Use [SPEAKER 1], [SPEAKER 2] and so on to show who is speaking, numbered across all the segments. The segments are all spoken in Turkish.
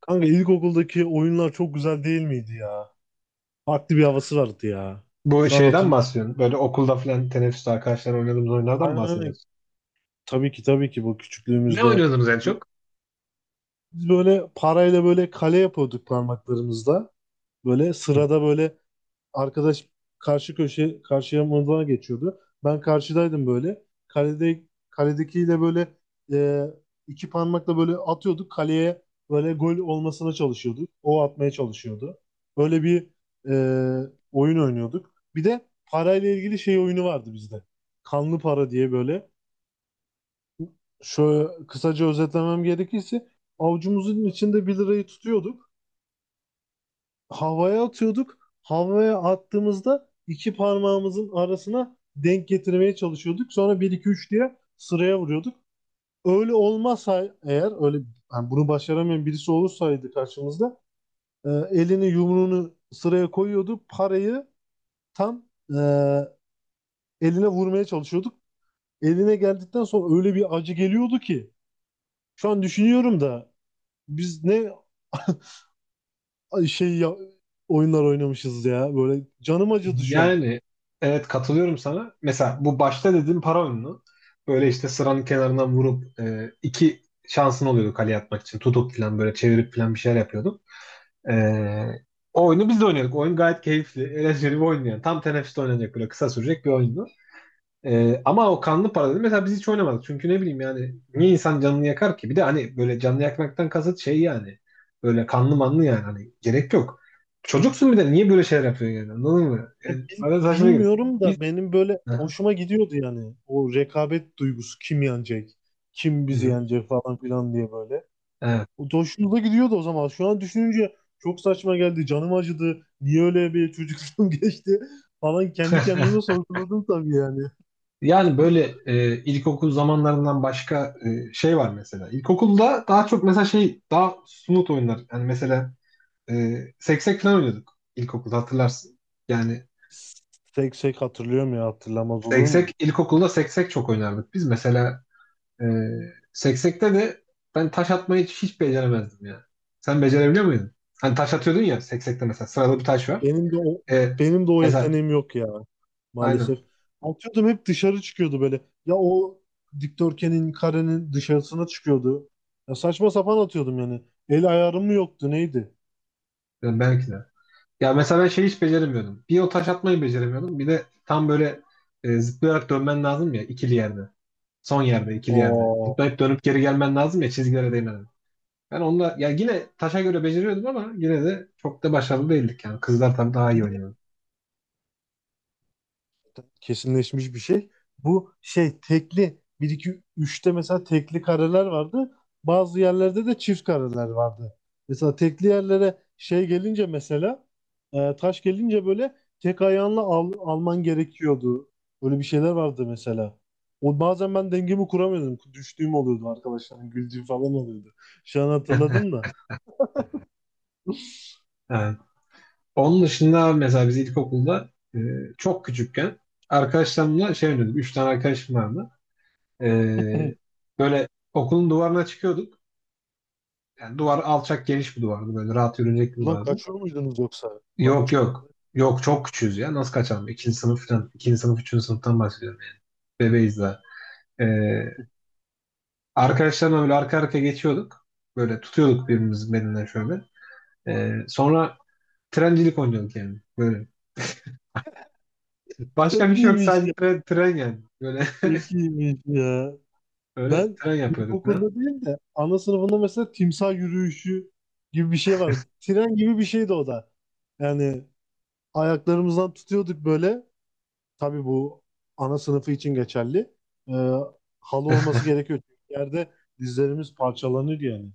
[SPEAKER 1] Kanka ilkokuldaki oyunlar çok güzel değil miydi ya? Farklı bir havası vardı ya.
[SPEAKER 2] Bu
[SPEAKER 1] Şu an
[SPEAKER 2] şeyden mi
[SPEAKER 1] hatırlıyorum.
[SPEAKER 2] bahsediyorsun? Böyle okulda falan teneffüste arkadaşlar oynadığımız oyunlardan mı
[SPEAKER 1] Aynen.
[SPEAKER 2] bahsediyorsun?
[SPEAKER 1] Tabii ki tabii ki, bu
[SPEAKER 2] Ne
[SPEAKER 1] küçüklüğümüzde.
[SPEAKER 2] oynuyordunuz en çok?
[SPEAKER 1] Biz böyle parayla böyle kale yapıyorduk parmaklarımızla. Böyle
[SPEAKER 2] Hı.
[SPEAKER 1] sırada böyle arkadaş karşı köşe karşıya mırıldan geçiyordu. Ben karşıdaydım böyle. Kalede kaledekiyle böyle e, iki parmakla böyle atıyorduk. Kaleye böyle gol olmasına çalışıyorduk. O atmaya çalışıyordu. Böyle bir oyun oynuyorduk. Bir de parayla ilgili şey oyunu vardı bizde. Kanlı para diye böyle. Şöyle kısaca özetlemem gerekirse avucumuzun içinde 1 lirayı tutuyorduk. Havaya atıyorduk. Havaya attığımızda iki parmağımızın arasına denk getirmeye çalışıyorduk. Sonra bir 2 3 diye sıraya vuruyorduk. Öyle olmazsa, eğer öyle, yani bunu başaramayan birisi olursaydı karşımızda, elini yumruğunu sıraya koyuyordu. Parayı tam e, eline vurmaya çalışıyorduk. Eline geldikten sonra öyle bir acı geliyordu ki, şu an düşünüyorum da biz ne ay şey ya, oyunlar oynamışız ya. Böyle canım acıdı şu an.
[SPEAKER 2] Yani evet, katılıyorum sana. Mesela bu başta dediğim para oyunu. Böyle işte sıranın kenarından vurup iki şansın oluyordu kaleye atmak için. Tutup falan böyle çevirip falan bir şeyler yapıyorduk. E, O oyunu biz de oynuyorduk. Oyun gayet keyifli. Eğlenceli bir oyun yani. Tam teneffüste oynanacak böyle kısa sürecek bir oyundu. Ama o kanlı para dedim. Mesela biz hiç oynamadık. Çünkü ne bileyim yani, niye insan canını yakar ki? Bir de hani böyle canını yakmaktan kasıt şey yani. Böyle kanlı manlı yani. Hani gerek yok. Çocuksun bir de, niye böyle şeyler yapıyorsun yani? Anladın mı?
[SPEAKER 1] Ya
[SPEAKER 2] Yani bana saçma geliyor.
[SPEAKER 1] bilmiyorum
[SPEAKER 2] Biz...
[SPEAKER 1] da benim böyle
[SPEAKER 2] Aha,
[SPEAKER 1] hoşuma gidiyordu yani. O rekabet duygusu, kim yenecek? Kim
[SPEAKER 2] hı
[SPEAKER 1] bizi
[SPEAKER 2] hı,
[SPEAKER 1] yenecek falan filan diye böyle.
[SPEAKER 2] evet.
[SPEAKER 1] O da hoşumuza gidiyordu o zaman. Şu an düşününce çok saçma geldi. Canım acıdı. Niye öyle bir çocukluğum geçti falan, kendi kendime sorguladım tabii yani.
[SPEAKER 2] Yani böyle ilkokul zamanlarından başka şey var mesela. İlkokulda daha çok mesela şey, daha snoot oyunlar. Yani mesela e, seksek falan oynuyorduk ilkokulda, hatırlarsın. Yani
[SPEAKER 1] Tek tek hatırlıyorum ya, hatırlamaz olur muyum?
[SPEAKER 2] seksek, ilkokulda seksek çok oynardık. Biz mesela e, seksekte de ben taş atmayı hiç, hiç beceremezdim ya. Sen becerebiliyor muydun? Hani taş atıyordun ya seksekte, mesela sıralı bir taş var.
[SPEAKER 1] Benim de o
[SPEAKER 2] E,
[SPEAKER 1] benim de o
[SPEAKER 2] Mesela
[SPEAKER 1] yeteneğim yok ya maalesef.
[SPEAKER 2] aynen.
[SPEAKER 1] Atıyordum, hep dışarı çıkıyordu böyle. Ya o dikdörtgenin, karenin dışarısına çıkıyordu. Ya saçma sapan atıyordum yani. El ayarım mı yoktu, neydi?
[SPEAKER 2] Yani belki de. Ya mesela ben şeyi hiç beceremiyordum. Bir, o taş atmayı beceremiyordum. Bir de tam böyle zıplayarak dönmen lazım ya ikili yerde. Son yerde, ikili yerde.
[SPEAKER 1] O
[SPEAKER 2] Zıplayıp dönüp geri gelmen lazım ya, çizgilere değmeden. Ben onunla ya yine taşa göre beceriyordum, ama yine de çok da başarılı değildik yani. Kızlar tabii daha iyi oynuyordu.
[SPEAKER 1] kesinleşmiş bir şey. Bu şey tekli, bir 2 üçte mesela tekli kareler vardı. Bazı yerlerde de çift kareler vardı. Mesela tekli yerlere şey gelince, mesela taş gelince, böyle tek ayağınla alman gerekiyordu. Böyle bir şeyler vardı mesela. O bazen ben dengemi kuramıyordum. Düştüğüm oluyordu, arkadaşlarım güldüğüm falan oluyordu. Şu an hatırladım da.
[SPEAKER 2] Yani onun dışında mesela biz ilkokulda e, çok küçükken arkadaşlarımla şey oynuyorduk. Üç tane arkadaşım vardı. E, Böyle okulun duvarına çıkıyorduk. Yani duvar alçak, geniş bir duvardı. Böyle rahat yürünecek bir
[SPEAKER 1] Ulan
[SPEAKER 2] duvardı.
[SPEAKER 1] kaçıyor muydunuz yoksa? Ulan
[SPEAKER 2] Yok yok.
[SPEAKER 1] çıkıyordu.
[SPEAKER 2] Yok, çok küçüğüz ya. Nasıl kaçalım? İkinci sınıf falan. İkinci sınıf, üçüncü sınıftan bahsediyorum. Bebeğiz daha. E, Arkadaşlarımla böyle arka arkaya geçiyorduk. Böyle tutuyorduk birbirimizin belinden şöyle. Sonra trencilik oynuyorduk yani. Böyle. Başka bir
[SPEAKER 1] Çok
[SPEAKER 2] şey yok.
[SPEAKER 1] iyiymiş
[SPEAKER 2] Sadece
[SPEAKER 1] ya.
[SPEAKER 2] tren, tren yani. Böyle
[SPEAKER 1] Çok iyiymiş ya.
[SPEAKER 2] böyle
[SPEAKER 1] Ben
[SPEAKER 2] tren yapıyordu tren.
[SPEAKER 1] ilkokulda değil de ana sınıfında mesela timsah yürüyüşü gibi bir şey vardı. Tren gibi bir şeydi o da. Yani ayaklarımızdan tutuyorduk böyle. Tabii bu ana sınıfı için geçerli. Ee, Halı olması gerekiyor. Çünkü yerde dizlerimiz parçalanır yani.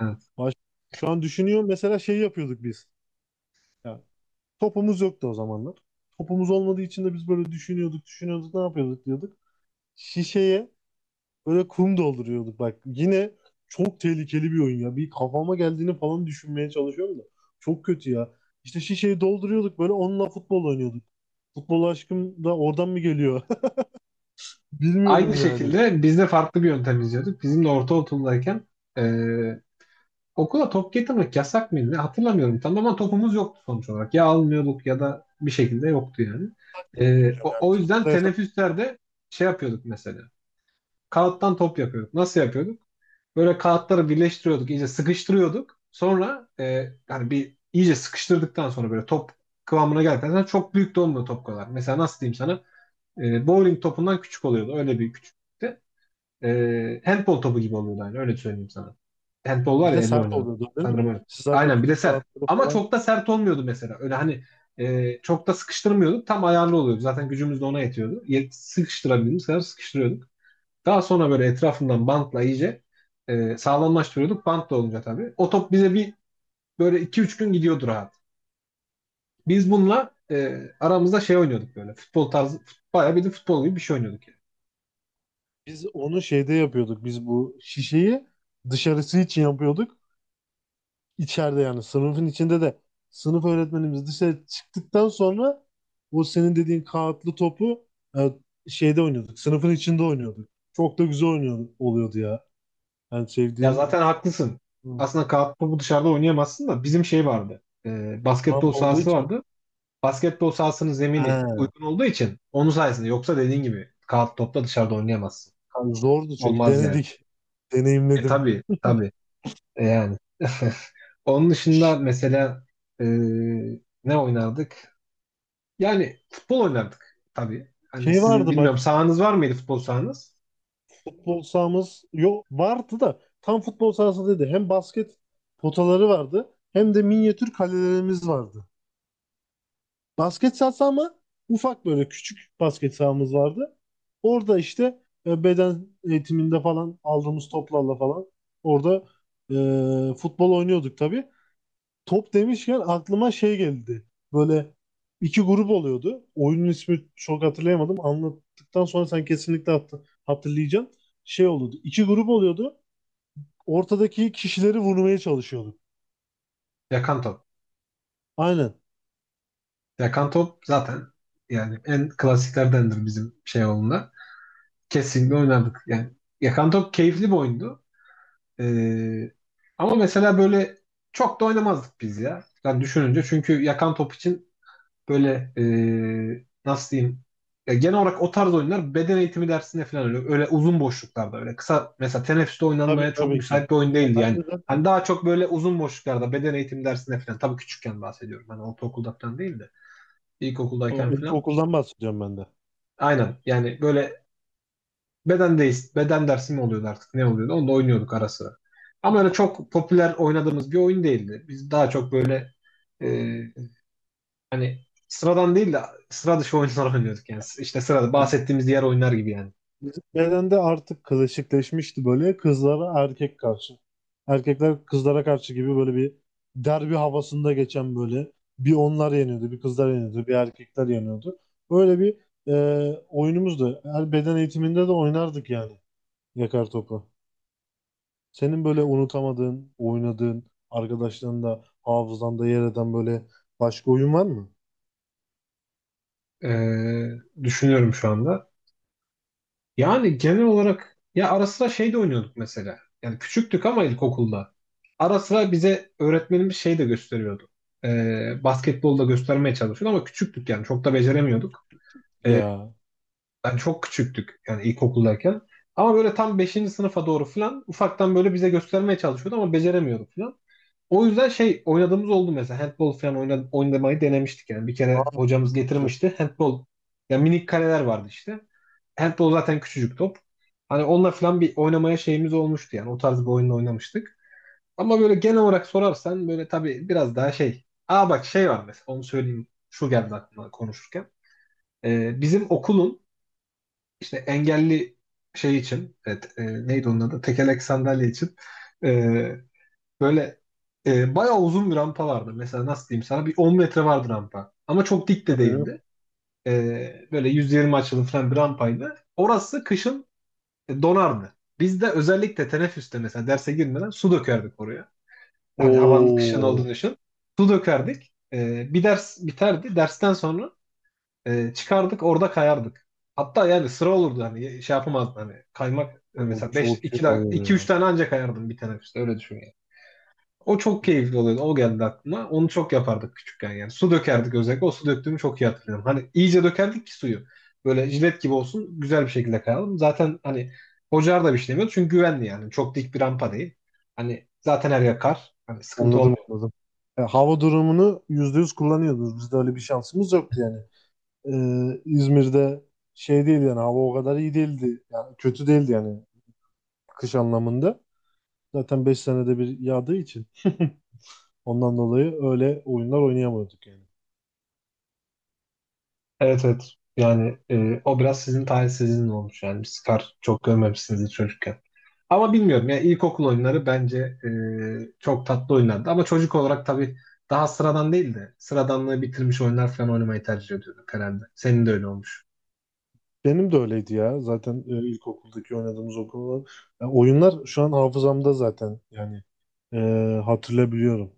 [SPEAKER 2] Evet.
[SPEAKER 1] Baş... Şu an düşünüyorum, mesela şey yapıyorduk biz. Yani topumuz yoktu o zamanlar. Topumuz olmadığı için de biz böyle düşünüyorduk, düşünüyorduk ne yapıyorduk diyorduk. Şişeye böyle kum dolduruyorduk bak. Yine çok tehlikeli bir oyun ya. Bir kafama geldiğini falan düşünmeye çalışıyorum da. Çok kötü ya. İşte şişeyi dolduruyorduk, böyle onunla futbol oynuyorduk. Futbol aşkım da oradan mı geliyor? Bilmiyorum
[SPEAKER 2] Aynı
[SPEAKER 1] yani. Bilmiyorum yani.
[SPEAKER 2] şekilde biz de farklı bir yöntem izliyorduk. Bizim de ortaokuldayken e, okula top getirmek yasak mıydı? Hatırlamıyorum tam, ama topumuz yoktu sonuç olarak. Ya almıyorduk ya da bir şekilde yoktu yani. E,
[SPEAKER 1] Biz
[SPEAKER 2] o yüzden
[SPEAKER 1] futbol yasak-
[SPEAKER 2] teneffüslerde şey yapıyorduk mesela. Kağıttan top yapıyorduk. Nasıl yapıyorduk? Böyle kağıtları birleştiriyorduk, iyice sıkıştırıyorduk. Sonra hani bir iyice sıkıştırdıktan sonra böyle top kıvamına geldikten sonra, çok büyük de olmuyor, top kadar. Mesela nasıl diyeyim sana? Bowling topundan küçük oluyordu. Öyle bir küçüklükte. Handball topu gibi oluyordu yani. Öyle söyleyeyim sana. Handball var
[SPEAKER 1] Bir
[SPEAKER 2] ya,
[SPEAKER 1] de
[SPEAKER 2] elle
[SPEAKER 1] sert
[SPEAKER 2] oynanan.
[SPEAKER 1] oluyordu değil mi?
[SPEAKER 2] Sanırım öyle.
[SPEAKER 1] Siz zaten
[SPEAKER 2] Aynen, bir de
[SPEAKER 1] bütün
[SPEAKER 2] sert.
[SPEAKER 1] kağıtları
[SPEAKER 2] Ama
[SPEAKER 1] falan.
[SPEAKER 2] çok da sert olmuyordu mesela. Öyle hani çok da sıkıştırmıyorduk. Tam ayarlı oluyordu. Zaten gücümüz de ona yetiyordu. Sıkıştırabildiğimiz kadar sıkıştırıyorduk. Daha sonra böyle etrafından bantla iyice sağlamlaştırıyorduk. Bant da olunca tabii. O top bize bir böyle iki üç gün gidiyordu rahat. Biz bununla aramızda şey oynuyorduk, böyle. Futbol tarzı, bayağı bir de futbol gibi bir şey oynuyorduk.
[SPEAKER 1] Biz onu şeyde yapıyorduk. Biz bu şişeyi dışarısı için yapıyorduk. İçeride yani sınıfın içinde de sınıf öğretmenimiz dışarı çıktıktan sonra o senin dediğin kağıtlı topu e, şeyde oynuyorduk. Sınıfın içinde oynuyorduk. Çok da güzel oynuyordu, oluyordu ya. Ben
[SPEAKER 2] Ya
[SPEAKER 1] sevdiğim
[SPEAKER 2] zaten haklısın.
[SPEAKER 1] hı,
[SPEAKER 2] Aslında kağıt topu dışarıda oynayamazsın, da bizim şey vardı. E,
[SPEAKER 1] bant
[SPEAKER 2] basketbol
[SPEAKER 1] olduğu
[SPEAKER 2] sahası
[SPEAKER 1] için.
[SPEAKER 2] vardı. Basketbol sahasının zemini
[SPEAKER 1] He,
[SPEAKER 2] uygun olduğu için, onun sayesinde, yoksa dediğin gibi kağıt topla dışarıda oynayamazsın.
[SPEAKER 1] kanka zordu, çünkü
[SPEAKER 2] Olmaz yani.
[SPEAKER 1] denedik.
[SPEAKER 2] E
[SPEAKER 1] Deneyimledim.
[SPEAKER 2] tabii tabii. Yani. Onun dışında mesela e, ne oynardık? Yani futbol oynardık tabii. Hani
[SPEAKER 1] Şey
[SPEAKER 2] sizin
[SPEAKER 1] vardı
[SPEAKER 2] bilmiyorum,
[SPEAKER 1] bak,
[SPEAKER 2] sahanız var mıydı, futbol sahanız?
[SPEAKER 1] futbol sahamız yok, vardı da tam futbol sahası değildi. Hem basket potaları vardı, hem de minyatür kalelerimiz vardı. Basket sahası ama ufak, böyle küçük basket sahamız vardı. Orada işte beden eğitiminde falan aldığımız toplarla falan orada futbol oynuyorduk tabii. Top demişken aklıma şey geldi. Böyle iki grup oluyordu. Oyunun ismi çok hatırlayamadım. Anlattıktan sonra sen kesinlikle hatırlayacaksın. Şey oluyordu. İki grup oluyordu. Ortadaki kişileri vurmaya çalışıyorduk.
[SPEAKER 2] Yakan top.
[SPEAKER 1] Aynen.
[SPEAKER 2] Yakan top zaten yani en klasiklerdendir bizim şey olduğunda. Kesinlikle oynardık. Yani yakan top keyifli bir oyundu. Ee, Ama mesela böyle çok da oynamazdık biz ya. Yani düşününce, çünkü yakan top için böyle nasıl diyeyim, ya genel olarak o tarz oyunlar beden eğitimi dersinde falan, öyle, öyle uzun boşluklarda, öyle kısa mesela teneffüste
[SPEAKER 1] Tabii,
[SPEAKER 2] oynanmaya çok
[SPEAKER 1] tabii ki.
[SPEAKER 2] müsait bir oyun değildi
[SPEAKER 1] Ben
[SPEAKER 2] yani.
[SPEAKER 1] de zaten
[SPEAKER 2] Hani daha çok böyle uzun boşluklarda, beden eğitimi dersinde falan, tabii küçükken bahsediyorum. Hani ortaokulda falan değil de
[SPEAKER 1] o,
[SPEAKER 2] ilkokuldayken falan.
[SPEAKER 1] ilkokuldan bahsediyorum ben de.
[SPEAKER 2] Aynen yani böyle beden değil, beden dersi mi oluyordu artık, ne oluyordu? Onu da oynuyorduk ara sıra. Ama öyle çok popüler oynadığımız bir oyun değildi. Biz daha çok böyle e, hani sıradan değil de sıra dışı oyunlar oynuyorduk yani. İşte sırada bahsettiğimiz diğer oyunlar gibi yani.
[SPEAKER 1] Bizim bedende artık klasikleşmişti, böyle kızlara erkek karşı. Erkekler kızlara karşı gibi, böyle bir derbi havasında geçen, böyle bir onlar yeniyordu, bir kızlar yeniyordu, bir erkekler yeniyordu. Böyle bir oyunumuzdu. Her beden eğitiminde de oynardık yani yakar topu. Senin böyle unutamadığın, oynadığın, arkadaşlarında, hafızanda yer eden böyle başka oyun var mı?
[SPEAKER 2] Düşünüyorum şu anda. Yani genel olarak ya ara sıra şey de oynuyorduk mesela. Yani küçüktük, ama ilkokulda. Ara sıra bize öğretmenimiz şey de gösteriyordu. Basketbol da göstermeye çalışıyordu, ama küçüktük yani, çok da beceremiyorduk. E,
[SPEAKER 1] Ya.
[SPEAKER 2] Yani çok küçüktük yani ilkokuldayken. Ama böyle tam beşinci sınıfa doğru falan ufaktan böyle bize göstermeye çalışıyordu, ama beceremiyordu falan. O yüzden şey oynadığımız oldu mesela, handball falan oynamayı denemiştik yani. Bir
[SPEAKER 1] Aa,
[SPEAKER 2] kere hocamız
[SPEAKER 1] çok güzel.
[SPEAKER 2] getirmişti handball. Yani minik kaleler vardı işte. Handball zaten küçücük top. Hani onunla falan bir oynamaya şeyimiz olmuştu yani. O tarz bir oyunla oynamıştık. Ama böyle genel olarak sorarsan, böyle tabii biraz daha şey. Aa, bak, şey var mesela, onu söyleyeyim. Şu geldi aklıma konuşurken. Bizim okulun işte engelli şey için, evet, neydi onun adı? Tekerlek sandalye için e, böyle bayağı uzun bir rampa vardı. Mesela nasıl diyeyim sana, bir 10 metre vardı rampa. Ama çok dik de
[SPEAKER 1] Aynen.
[SPEAKER 2] değildi. Böyle 120 açılı falan bir rampaydı. Orası kışın donardı. Biz de özellikle teneffüste mesela derse girmeden su dökerdik oraya. Hani havanın kışın
[SPEAKER 1] Oo,
[SPEAKER 2] olduğunu düşün. Su dökerdik. Bir ders biterdi. Dersten sonra çıkardık orada kayardık. Hatta yani sıra olurdu, hani şey yapamazdın hani kaymak yani,
[SPEAKER 1] o
[SPEAKER 2] mesela 5,
[SPEAKER 1] çok iyi
[SPEAKER 2] 2, 2, 3
[SPEAKER 1] oluyor
[SPEAKER 2] tane anca kayardım bir teneffüste, öyle düşün yani. O çok
[SPEAKER 1] ya.
[SPEAKER 2] keyifli oluyordu. O geldi aklıma. Onu çok yapardık küçükken yani. Su dökerdik özellikle. O su döktüğümü çok iyi hatırlıyorum. Hani iyice dökerdik ki suyu. Böyle jilet gibi olsun. Güzel bir şekilde kayalım. Zaten hani hocalar da bir şey demiyordu. Çünkü güvenli yani. Çok dik bir rampa değil. Hani zaten her yer kar. Hani sıkıntı
[SPEAKER 1] Anladım,
[SPEAKER 2] olmuyor.
[SPEAKER 1] anladım. Hava durumunu %100 kullanıyordunuz. Bizde öyle bir şansımız yoktu yani. İzmir'de şey değil yani, hava o kadar iyi değildi. Yani kötü değildi yani, kış anlamında. Zaten 5 senede bir yağdığı için, ondan dolayı öyle oyunlar oynayamıyorduk yani.
[SPEAKER 2] Evet evet. Yani o biraz sizin talihsizliğiniz olmuş yani. Biz kar çok görmemişsiniz hiç çocukken. Ama bilmiyorum ya, ilkokul oyunları bence çok tatlı oynardı. Ama çocuk olarak tabii daha sıradan değil de sıradanlığı bitirmiş oyunlar falan oynamayı tercih ediyorduk herhalde. Senin de öyle olmuş.
[SPEAKER 1] Benim de öyleydi ya. Zaten ilkokuldaki oynadığımız okullar. Oyunlar şu an hafızamda zaten, yani e, hatırlayabiliyorum.